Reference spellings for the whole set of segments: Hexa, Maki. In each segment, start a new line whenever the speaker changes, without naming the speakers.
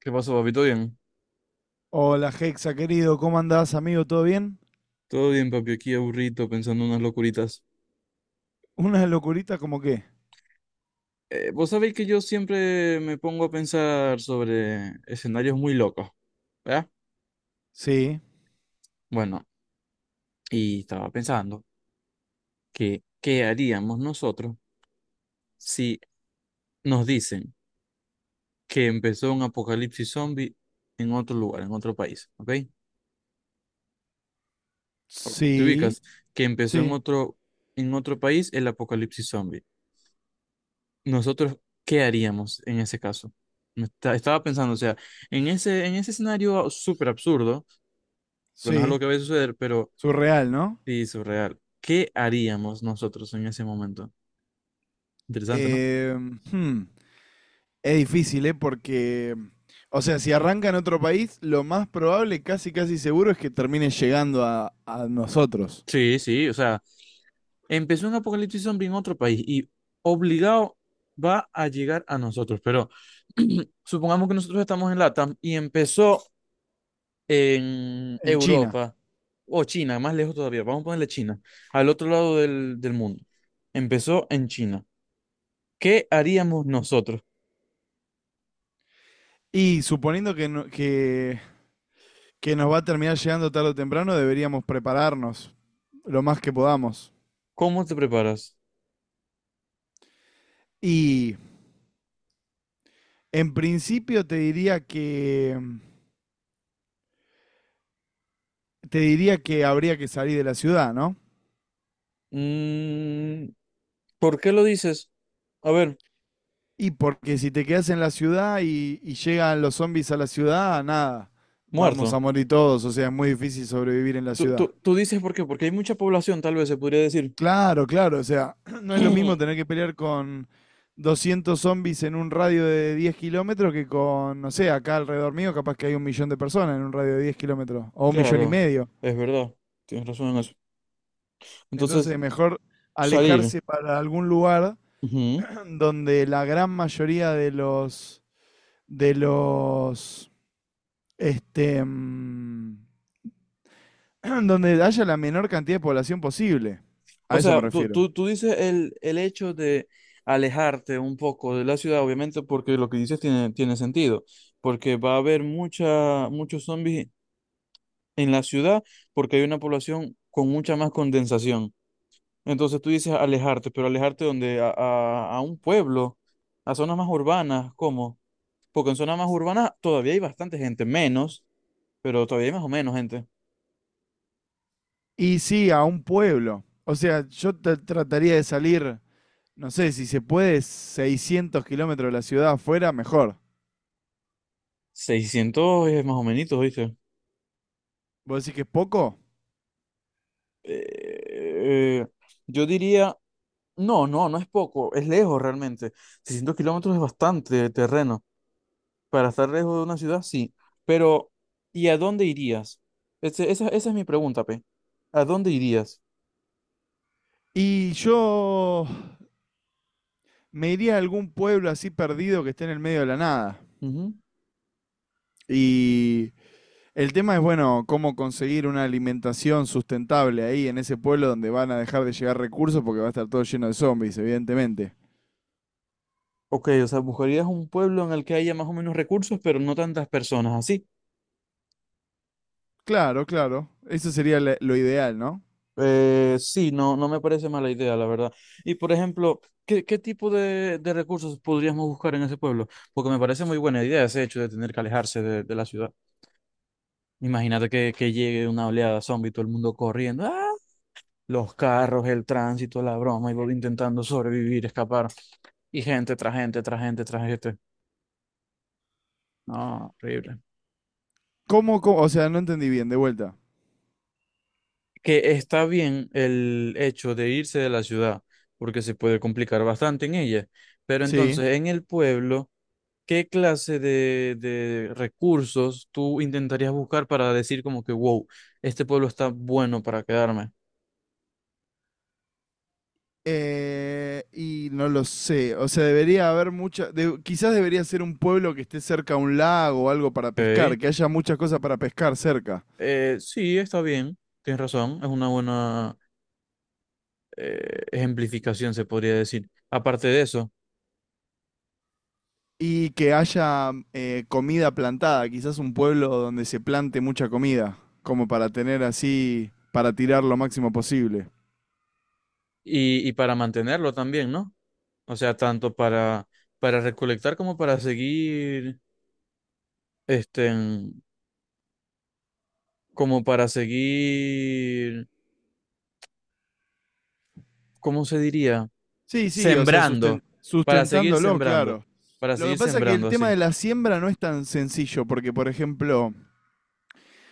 ¿Qué pasó, papi? ¿Todo bien?
Hola, Hexa, querido, ¿cómo andás, amigo? ¿Todo bien?
Todo bien, papi, aquí aburrido pensando unas locuritas.
¿Una locurita como qué?
Vos sabéis que yo siempre me pongo a pensar sobre escenarios muy locos, ¿verdad?
Sí,
Bueno, y estaba pensando que ¿qué haríamos nosotros si nos dicen que empezó un apocalipsis zombie en otro lugar, en otro país, ¿ok? Te
sí,
ubicas que empezó
sí,
en otro país el apocalipsis zombie. Nosotros, ¿qué haríamos en ese caso? Estaba pensando, o sea, en ese escenario súper absurdo, porque no es
sí.
algo que vaya a suceder, pero
Surreal, ¿no?
sí, surreal, ¿qué haríamos nosotros en ese momento? Interesante, ¿no?
Eh, hmm, es difícil, ¿eh? Porque, o sea, si arranca en otro país, lo más probable, casi casi seguro, es que termine llegando a nosotros,
Sí, sí, o sea, empezó un apocalipsis zombie en otro país y obligado va a llegar a nosotros, pero supongamos que nosotros estamos en LATAM y empezó en
en China.
Europa o China, más lejos todavía, vamos a ponerle China, al otro lado del mundo. Empezó en China. ¿Qué haríamos nosotros?
Y suponiendo que, que nos va a terminar llegando tarde o temprano, deberíamos prepararnos lo más que podamos.
¿Cómo te preparas?
Y En principio te diría que habría que salir de la ciudad, ¿no?
Mm, ¿por qué lo dices? A ver,
Y porque si te quedas en la ciudad y llegan los zombies a la ciudad, nada, vamos
muerto.
a morir todos, o sea, es muy difícil sobrevivir en la
Tú,
ciudad.
tú, tú dices por qué, porque hay mucha población, tal vez se podría decir.
Claro, claro, o sea, no es lo mismo tener que pelear con 200 zombies en un radio de 10 kilómetros que con, no sé, acá alrededor mío capaz que hay un millón de personas en un radio de 10 kilómetros, o un millón y
Claro,
medio.
es verdad, tienes razón en eso. Entonces,
Entonces, mejor
salir.
alejarse para algún lugar donde la gran mayoría de los este mm, donde haya la menor cantidad de población posible. A
O
eso me
sea, tú,
refiero.
tú, tú dices el hecho de alejarte un poco de la ciudad, obviamente, porque lo que dices tiene sentido, porque va a haber mucha, muchos zombies en la ciudad, porque hay una población con mucha más condensación. Entonces tú dices alejarte, pero alejarte donde a un pueblo, a zonas más urbanas, ¿cómo? Porque en zonas más urbanas todavía hay bastante gente, menos, pero todavía hay más o menos gente.
Y sí, a un pueblo. O sea, yo trataría de salir, no sé, si se puede, 600 kilómetros de la ciudad afuera, mejor.
600 es más o menos, ¿viste?
¿Vos decís que es poco?
Eh, eh, yo diría... No, no, no es poco, es lejos realmente. 600 kilómetros es bastante terreno. Para estar lejos de una ciudad, sí. Pero, ¿y a dónde irías? Esa, esa es mi pregunta, Pe. ¿A dónde irías?
Y yo me iría a algún pueblo así perdido que esté en el medio de la nada.
Ujú.
Y el tema es, bueno, cómo conseguir una alimentación sustentable ahí en ese pueblo donde van a dejar de llegar recursos porque va a estar todo lleno de zombies, evidentemente.
Ok, o sea, buscarías un pueblo en el que haya más o menos recursos, pero no tantas personas, ¿así?
Claro, claro. Eso sería lo ideal, ¿no?
Sí, no, no me parece mala idea, la verdad. Y, por ejemplo, ¿qué, qué tipo de recursos podríamos buscar en ese pueblo? Porque me parece muy buena idea ese hecho de tener que alejarse de la ciudad. Imagínate que llegue una oleada zombie, todo el mundo corriendo, ¡ah! Los carros, el tránsito, la broma, y vos intentando sobrevivir, escapar. Y gente tras gente, tras gente, tras gente. No, horrible.
¿Cómo, cómo? O sea, no entendí bien, de vuelta.
Que está bien el hecho de irse de la ciudad, porque se puede complicar bastante en ella. Pero
Sí.
entonces, en el pueblo, ¿qué clase de recursos tú intentarías buscar para decir como que, wow, este pueblo está bueno para quedarme?
Y no lo sé. O sea, debería haber mucha. Quizás debería ser un pueblo que esté cerca a un lago o algo para pescar,
Ok.
que haya muchas cosas para pescar cerca.
Sí, está bien, tienes razón, es una buena ejemplificación, se podría decir. Aparte de eso,
Y que haya comida plantada, quizás un pueblo donde se plante mucha comida, como para tener así, para tirar lo máximo posible.
y para mantenerlo también, ¿no? O sea, tanto para recolectar como para seguir, este, en- como para seguir, ¿cómo se diría?
Sí, sí, o sea,
Sembrando, para seguir
sustentándolo,
sembrando,
claro.
para
Lo que
seguir
pasa es que el
sembrando
tema
así.
de la siembra no es tan sencillo, porque por ejemplo,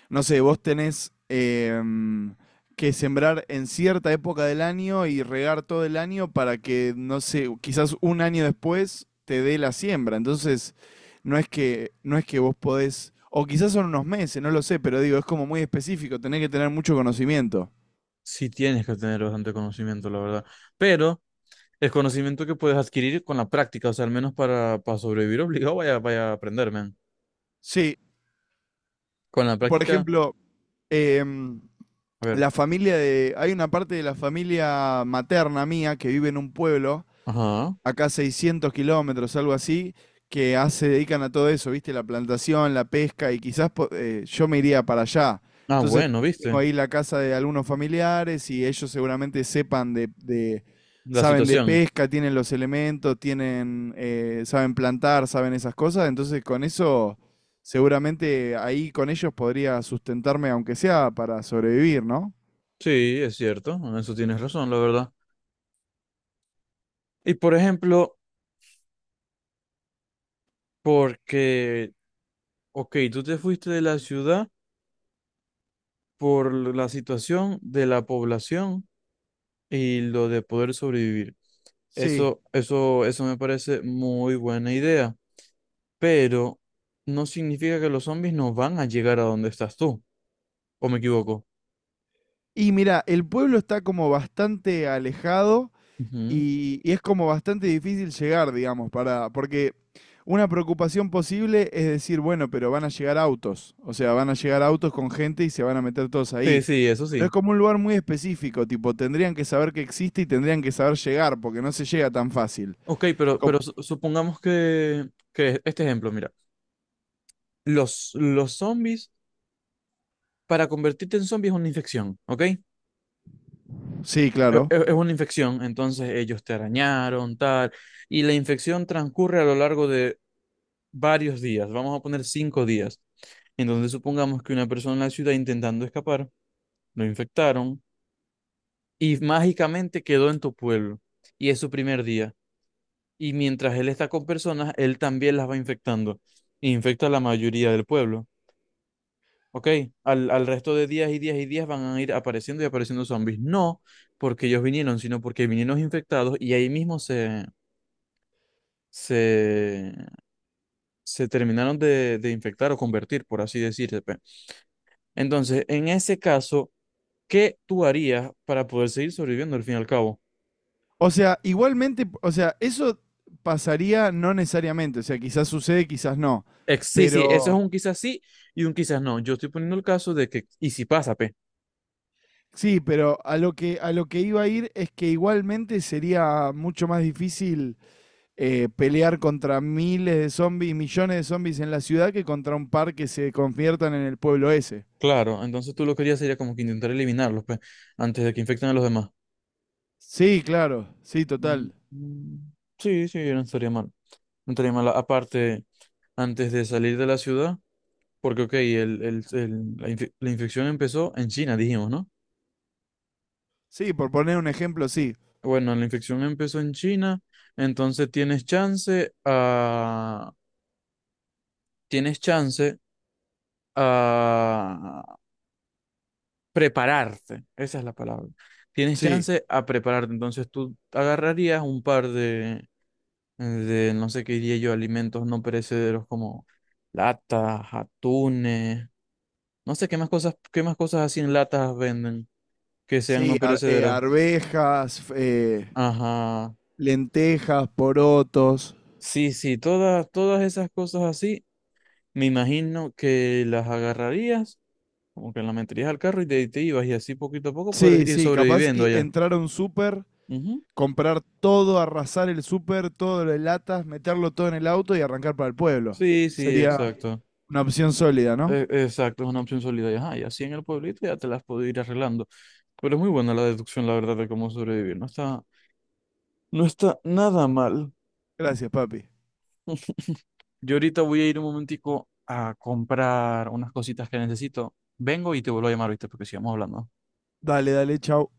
no sé, vos tenés que sembrar en cierta época del año y regar todo el año para que, no sé, quizás un año después te dé la siembra. Entonces, no es que vos podés, o quizás son unos meses, no lo sé, pero digo, es como muy específico, tenés que tener mucho conocimiento.
Sí tienes que tener bastante conocimiento, la verdad. Pero el conocimiento que puedes adquirir con la práctica, o sea, al menos para sobrevivir obligado, vaya, vaya a aprender, man.
Sí,
Con la
por
práctica,
ejemplo, em,
a ver,
la familia de, hay una parte de la familia materna mía que vive en un pueblo
ajá.
acá 600 kilómetros, algo así, que ah, se dedican a todo eso, ¿viste? La plantación, la pesca, y quizás yo me iría para allá.
Ah,
Entonces,
bueno,
tengo
viste,
ahí la casa de algunos familiares y ellos seguramente sepan
la
saben de
situación.
pesca, tienen los elementos, tienen, saben plantar, saben esas cosas. Entonces, con eso, seguramente ahí con ellos podría sustentarme, aunque sea para sobrevivir, ¿no?
Sí, es cierto, en eso tienes razón, la verdad. Y por ejemplo, porque, ok, tú te fuiste de la ciudad por la situación de la población y lo de poder sobrevivir.
Sí.
Eso me parece muy buena idea, pero no significa que los zombies no van a llegar a donde estás tú, ¿o me equivoco?
Y mira, el pueblo está como bastante alejado.
Ujú.
Y es como bastante difícil llegar, digamos, para, porque una preocupación posible es decir, bueno, pero van a llegar autos, o sea, van a llegar autos con gente y se van a meter todos
Sí,
ahí.
sí, eso
Pero es
sí.
como un lugar muy específico, tipo, tendrían que saber que existe y tendrían que saber llegar, porque no se llega tan fácil.
Ok, pero,
Como-
supongamos que este ejemplo, mira, los zombies, para convertirte en zombie es una infección, ¿ok?
sí,
Es,
claro.
es una infección, entonces ellos te arañaron, tal, y la infección transcurre a lo largo de varios días, vamos a poner cinco días. Entonces supongamos que una persona en la ciudad intentando escapar, lo infectaron y mágicamente quedó en tu pueblo. Y es su primer día. Y mientras él está con personas, él también las va infectando. E infecta a la mayoría del pueblo. ¿Ok? Al resto de días y días y días van a ir apareciendo y apareciendo zombies. No porque ellos vinieron, sino porque vinieron infectados y ahí mismo se, se terminaron de infectar o convertir, por así decirse. Pe. Entonces, en ese caso, ¿qué tú harías para poder seguir sobreviviendo al fin y al cabo?
O sea, igualmente, o sea, eso pasaría no necesariamente, o sea, quizás sucede, quizás no,
Sí, sí, eso es
pero...
un quizás sí y un quizás no. Yo estoy poniendo el caso de que, y si pasa, pe.
sí, pero a lo que iba a ir es que igualmente sería mucho más difícil pelear contra miles de zombies, millones de zombies en la ciudad que contra un par que se conviertan en el pueblo ese.
Claro, entonces tú lo que harías sería como que intentar eliminarlos, pe, antes de que infecten a los demás.
Sí, claro, sí,
Mm,
total.
mm, sí, sí, no estaría mal. No estaría mal. Aparte, antes de salir de la ciudad, porque, ok, la infección empezó en China, dijimos, ¿no?
Sí, por poner un ejemplo, sí.
Bueno, la infección empezó en China, entonces tienes chance a... Tienes chance a prepararte. Esa es la palabra. Tienes
Sí,
chance a prepararte. Entonces tú agarrarías un par de no sé qué diría yo, alimentos no perecederos como latas, atunes, no sé qué más cosas así en latas venden que sean no perecederas.
Arvejas,
Ajá.
lentejas, porotos.
Sí, sí, todas, todas esas cosas así, me imagino que las agarrarías, como que las meterías al carro y te ibas y así poquito a poco puedes
Sí,
ir
sí, capaz
sobreviviendo
y
allá.
entrar a un súper,
Ujú.
comprar todo, arrasar el súper, todo lo de latas, meterlo todo en el auto y arrancar para el pueblo.
Sí, sí,
Sería
exacto.
una opción sólida, ¿no?
Exacto, es una opción sólida. Y, ajá, y así en el pueblito ya te las puedo ir arreglando. Pero es muy buena la deducción, la verdad, de cómo sobrevivir. No está, no está nada mal.
Gracias, papi.
Yo ahorita voy a ir un momentico a comprar unas cositas que necesito. Vengo y te vuelvo a llamar, ¿viste? Porque sigamos hablando.
Dale, dale, chau.